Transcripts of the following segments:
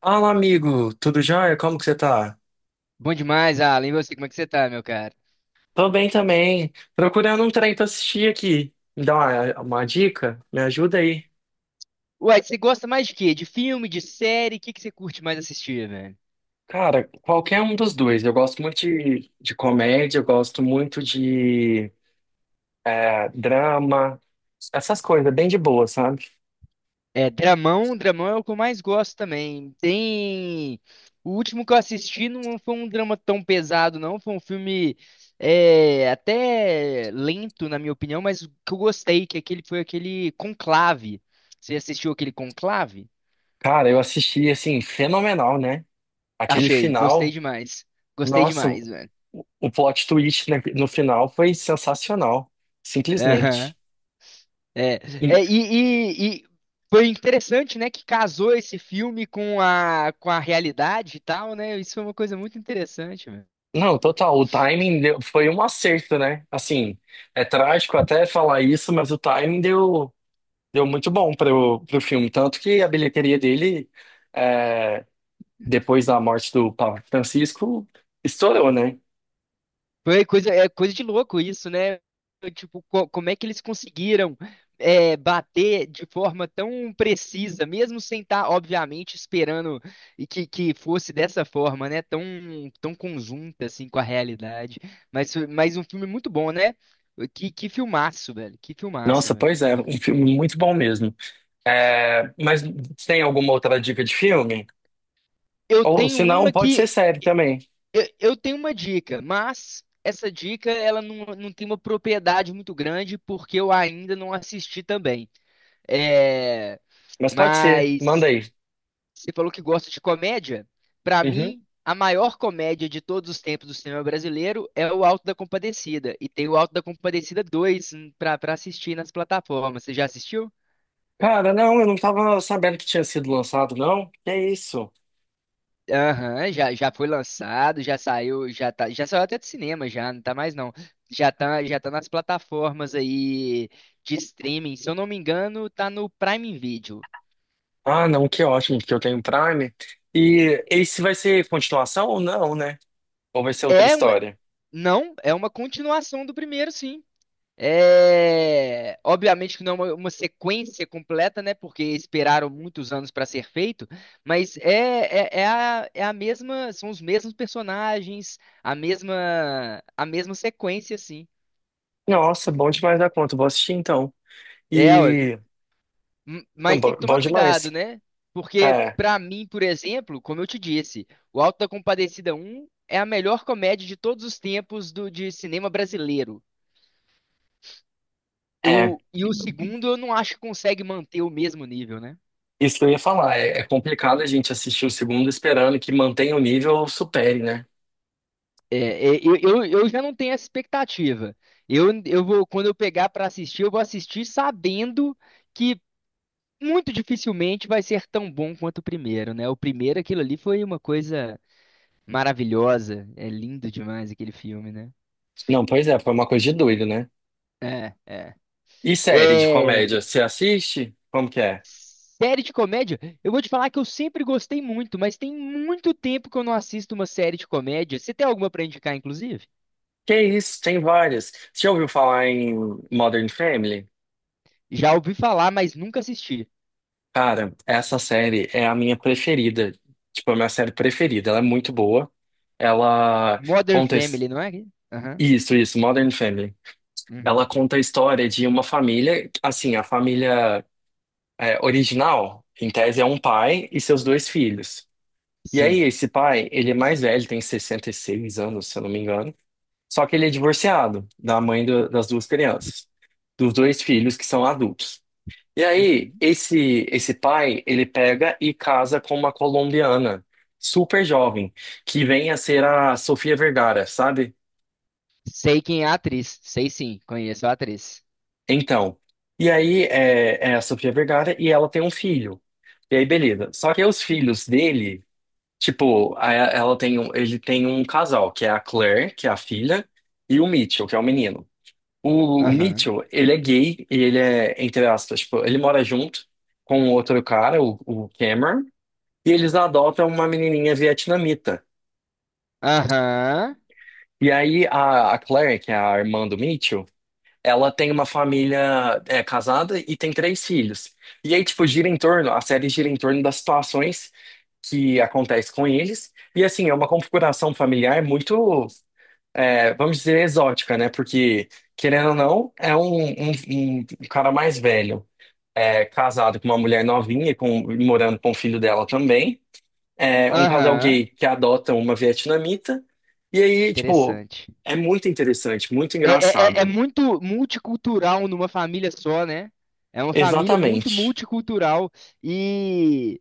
Fala, amigo, tudo jóia? Como que você tá? Bom demais, Alan. E você, como é que você tá, meu cara? Tô bem também. Procurando um trem pra assistir aqui. Me dá uma dica? Me ajuda aí. Uai, você gosta mais de quê? De filme, de série? O que que você curte mais assistir, velho? Cara, qualquer um dos dois. Eu gosto muito de comédia, eu gosto muito de drama, essas coisas, bem de boa, sabe? É, dramão, dramão é o que eu mais gosto também. Tem. O último que eu assisti não foi um drama tão pesado, não. Foi um filme até lento, na minha opinião, mas o que eu gostei, que aquele foi aquele Conclave. Você assistiu aquele Conclave? Cara, eu assisti, assim, fenomenal, né? Aquele Achei, gostei final, demais. Gostei nossa, demais, velho. o plot twist, né, no final foi sensacional, Aham. simplesmente. É, e foi interessante, né, que casou esse filme com a realidade e tal, né? Isso foi uma coisa muito interessante, velho. Não, total. Foi um acerto, né? Assim, é trágico até falar isso, mas o timing deu muito bom para o filme. Tanto que a bilheteria dele, é, depois da morte do Papa Francisco, estourou, né? É coisa de louco isso, né? Tipo, como é que eles conseguiram bater de forma tão precisa, mesmo sem estar, obviamente, esperando e que fosse dessa forma, né? Tão conjunta, assim, com a realidade. Mas, mas um filme muito bom, né? Que filmaço, velho. Que filmaço, Nossa, velho. pois é, um filme muito bom mesmo. É, mas tem alguma outra dica de filme? Eu Ou tenho se não, uma pode ser que série também. eu tenho uma dica, mas essa dica ela não tem uma propriedade muito grande porque eu ainda não assisti também. É, Mas pode ser, manda mas aí. você falou que gosta de comédia. Pra Uhum. mim, a maior comédia de todos os tempos do cinema brasileiro é o Alto da Compadecida e tem o Alto da Compadecida 2 para assistir nas plataformas. Você já assistiu? Cara, não, eu não tava sabendo que tinha sido lançado, não. Que é isso? Aham, já foi lançado, já saiu, já tá, já saiu até de cinema já, não tá mais não. Já tá nas plataformas aí de streaming, se eu não me engano, tá no Prime Video. Ah, não, que ótimo, porque eu tenho Prime. E esse vai ser continuação ou não, né? Ou vai ser outra É, um- história? não, é uma continuação do primeiro, sim. É, obviamente que não é uma sequência completa, né? Porque esperaram muitos anos para ser feito, mas é é a mesma, são os mesmos personagens, a mesma sequência, assim. Nossa, bom demais da conta, vou assistir então. É, ué, E. Não, mas tem que bom, tomar cuidado, demais. né? Porque, É, pra mim, por exemplo, como eu te disse, o Auto da Compadecida um é a melhor comédia de todos os tempos do, de cinema brasileiro. é. E o segundo, eu não acho que consegue manter o mesmo nível, né? Isso que eu ia falar, é complicado a gente assistir o segundo esperando que mantenha o nível ou supere, né? É, eu, eu já não tenho essa expectativa. Eu vou, quando eu pegar pra assistir, eu vou assistir sabendo que muito dificilmente vai ser tão bom quanto o primeiro, né? O primeiro, aquilo ali foi uma coisa maravilhosa. É lindo demais aquele filme, né? Não, pois é, foi uma coisa de doido, né? É, é. E série de É, comédia, você assiste? Como que é? série de comédia, eu vou te falar que eu sempre gostei muito, mas tem muito tempo que eu não assisto uma série de comédia. Você tem alguma pra indicar, inclusive? Que isso, tem várias. Você já ouviu falar em Modern Family? Já ouvi falar, mas nunca assisti. Cara, essa série é a minha preferida. Tipo, é a minha série preferida. Ela é muito boa. Ela Modern conta. his- Family, não é? Aham. Isso, isso, Modern Family. Ela Uhum. conta a história de uma família. Assim, a família é, original, em tese, é um pai e seus dois filhos. E aí, Sim. esse pai, ele é mais velho, tem 66 anos, se eu não me engano. Só que ele é divorciado das duas crianças, dos dois filhos que são adultos. E aí, Uhum. esse pai, ele pega e casa com uma colombiana, super jovem, que vem a ser a Sofia Vergara, sabe? Sei quem é a atriz. Sei sim, conheço a atriz. Então, e aí é, é a Sofia Vergara e ela tem um filho. E aí, beleza. Só que os filhos dele, tipo, ela tem um, ele tem um casal, que é a Claire, que é a filha, e o Mitchell, que é o menino. O Aham. Mitchell, ele é gay e ele é, entre aspas, tipo, ele mora junto com outro cara, o Cameron. E eles adotam uma menininha vietnamita. Aham. E aí a Claire, que é a irmã do Mitchell, ela tem uma família é, casada e tem três filhos. E aí, tipo, gira em torno, a série gira em torno das situações que acontecem com eles. E assim, é uma configuração familiar muito, é, vamos dizer, exótica, né? Porque, querendo ou não, um cara mais velho, é, casado com uma mulher novinha, e com, morando com o filho dela também. É, um casal Aham. gay que adota uma vietnamita. E aí, tipo, Interessante. é muito interessante, muito É, é é engraçado. muito multicultural numa família só, né? É uma família muito Exatamente. multicultural e,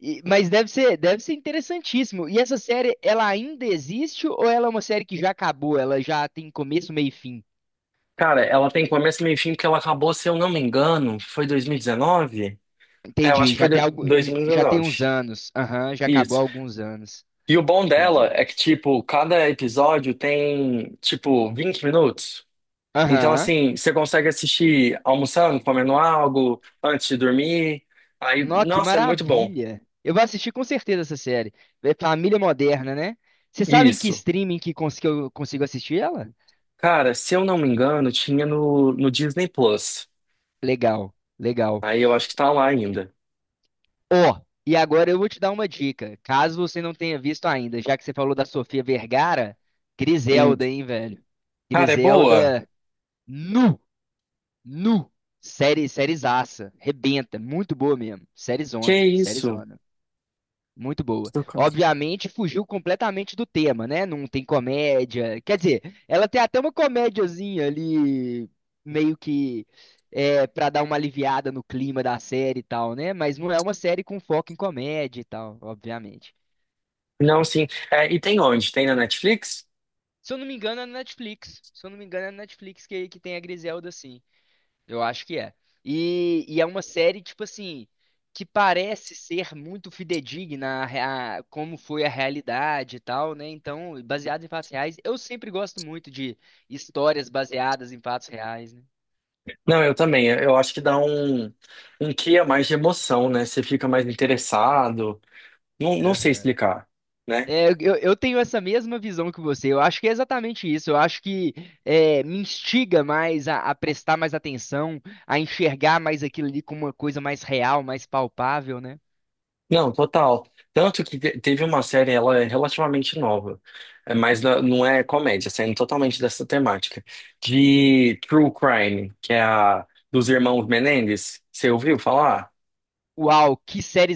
mas deve ser interessantíssimo. E essa série, ela ainda existe ou ela é uma série que já acabou? Ela já tem começo, meio e fim? Cara, ela tem começo, meio e fim, porque ela acabou, se eu não me engano, foi 2019? É, eu Entendi. acho que foi Já tem do- algo, já tem uns 2019. anos. Aham, já acabou há Isso. alguns anos. E o bom dela Entendi. é que, tipo, cada episódio tem, tipo, 20 minutos. Então, Aham. assim, você consegue assistir almoçando, comendo algo, antes de dormir. Aí, Nó, que nossa, é muito bom. maravilha. Eu vou assistir com certeza essa série. É Família Moderna, né? Você sabe em que Isso. streaming que que eu consigo assistir ela? Cara, se eu não me engano, tinha no Disney Plus. Legal, legal. Aí eu acho que tá lá ainda. Ó, e agora eu vou te dar uma dica. Caso você não tenha visto ainda, já que você falou da Sofia Vergara, Hum. Griselda, hein, velho? Cara, é boa? Griselda, nu, nu. Série, sériezaça. Rebenta. Muito boa mesmo. Série Que Zona. isso? Muito boa. Estou com- Obviamente, fugiu completamente do tema, né? Não tem comédia. Quer dizer, ela tem até uma comédiazinha ali, meio que para dar uma aliviada no clima da série e tal, né? Mas não é uma série com foco em comédia e tal, obviamente. Não, sim. É, e tem onde? Tem na Netflix? Se eu não me engano, é na Netflix. Se eu não me engano, é na Netflix que tem a Griselda, sim. Eu acho que é. E é uma série, tipo assim, que parece ser muito fidedigna a, como foi a realidade e tal, né? Então, baseado em fatos reais, eu sempre gosto muito de histórias baseadas em fatos reais, né? Não, eu também. Eu acho que dá um, um quê a mais de emoção, né? Você fica mais interessado. Não, não sei Aham. explicar, né? É, eu, eu tenho essa mesma visão que você. Eu acho que é exatamente isso. Eu acho que me instiga mais a prestar mais atenção, a enxergar mais aquilo ali como uma coisa mais real, mais palpável, né? Não, total. Tanto que teve uma série, ela é relativamente nova, é, mas não é comédia, saindo totalmente dessa temática, de True Crime, que é a dos irmãos Menendez. Você ouviu falar? Uau, que série.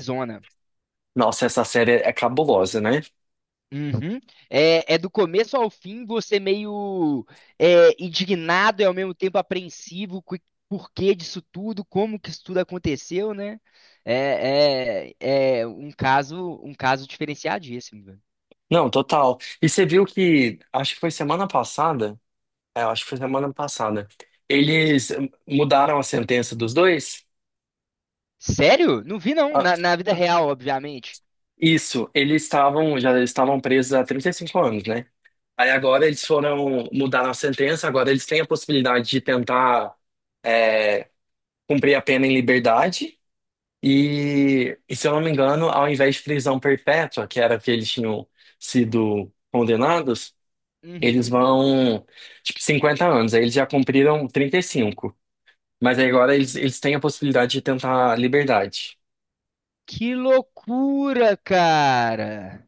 Nossa, essa série é cabulosa, né? Uhum. É, é do começo ao fim você meio indignado e ao mesmo tempo apreensivo com o porquê disso tudo, como que isso tudo aconteceu, né? É um caso diferenciadíssimo, velho. Não, total. E você viu que, acho que foi semana passada, é, acho que foi semana passada, eles mudaram a sentença dos dois? Sério? Não vi não, Ah, na, na vida real, obviamente. isso, eles estavam, já estavam presos há 35 anos, né? Aí agora eles foram mudar a sentença, agora eles têm a possibilidade de tentar é, cumprir a pena em liberdade. E se eu não me engano, ao invés de prisão perpétua, que era que eles tinham sido condenados, eles Uhum. vão, tipo, 50 anos. Aí eles já cumpriram 35. Mas aí agora eles, eles têm a possibilidade de tentar liberdade. Que loucura, cara!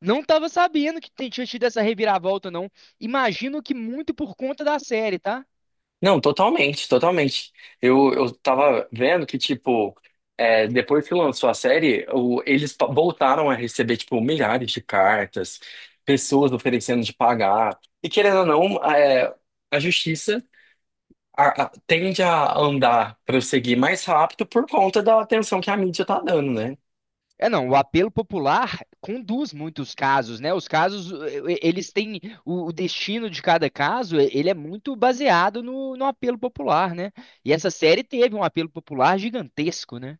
Não tava sabendo que tinha tido essa reviravolta, não. Imagino que muito por conta da série, tá? Não, totalmente, totalmente. Eu tava vendo que, tipo, é, depois que lançou a série, eles voltaram a receber, tipo, milhares de cartas, pessoas oferecendo de pagar. E querendo ou não, é, a justiça tende a andar, prosseguir mais rápido por conta da atenção que a mídia tá dando, né? É, não, o apelo popular conduz muitos casos, né? Os casos, eles têm o destino de cada caso, ele é muito baseado no apelo popular, né? E essa série teve um apelo popular gigantesco, né?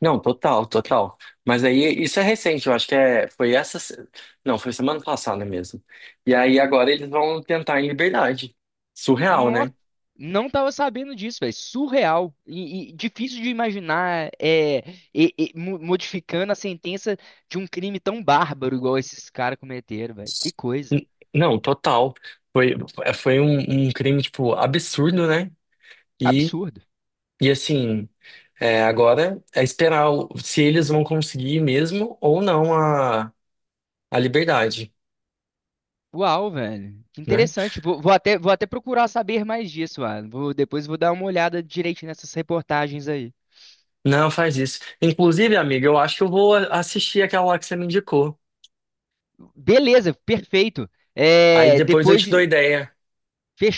Não, total, total. Mas aí isso é recente, eu acho que é, foi essa. Não, foi semana passada mesmo. E aí agora eles vão tentar em liberdade. Surreal, Nó, né? não tava sabendo disso, velho. Surreal e difícil de imaginar e modificando a sentença de um crime tão bárbaro igual esses caras cometeram, velho. Que coisa. N- Não, total. Foi, é, foi um crime, tipo, absurdo, né? E, Absurdo. e assim, é, agora é esperar se eles vão conseguir mesmo ou não a, a liberdade, Uau, velho. Que né? interessante. Vou, vou até procurar saber mais disso, Alan. Vou, depois vou dar uma olhada direitinho nessas reportagens aí. Não, faz isso. Inclusive, amiga, eu acho que eu vou assistir aquela lá que você me indicou. Beleza, perfeito. Aí É, depois eu depois te dou ideia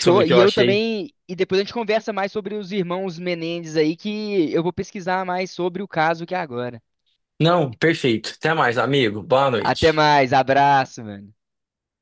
sobre o que E eu eu achei. também. E depois a gente conversa mais sobre os irmãos Menendez aí, que eu vou pesquisar mais sobre o caso que é agora. Não, perfeito. Até mais, amigo. Boa Até noite. mais, abraço, mano.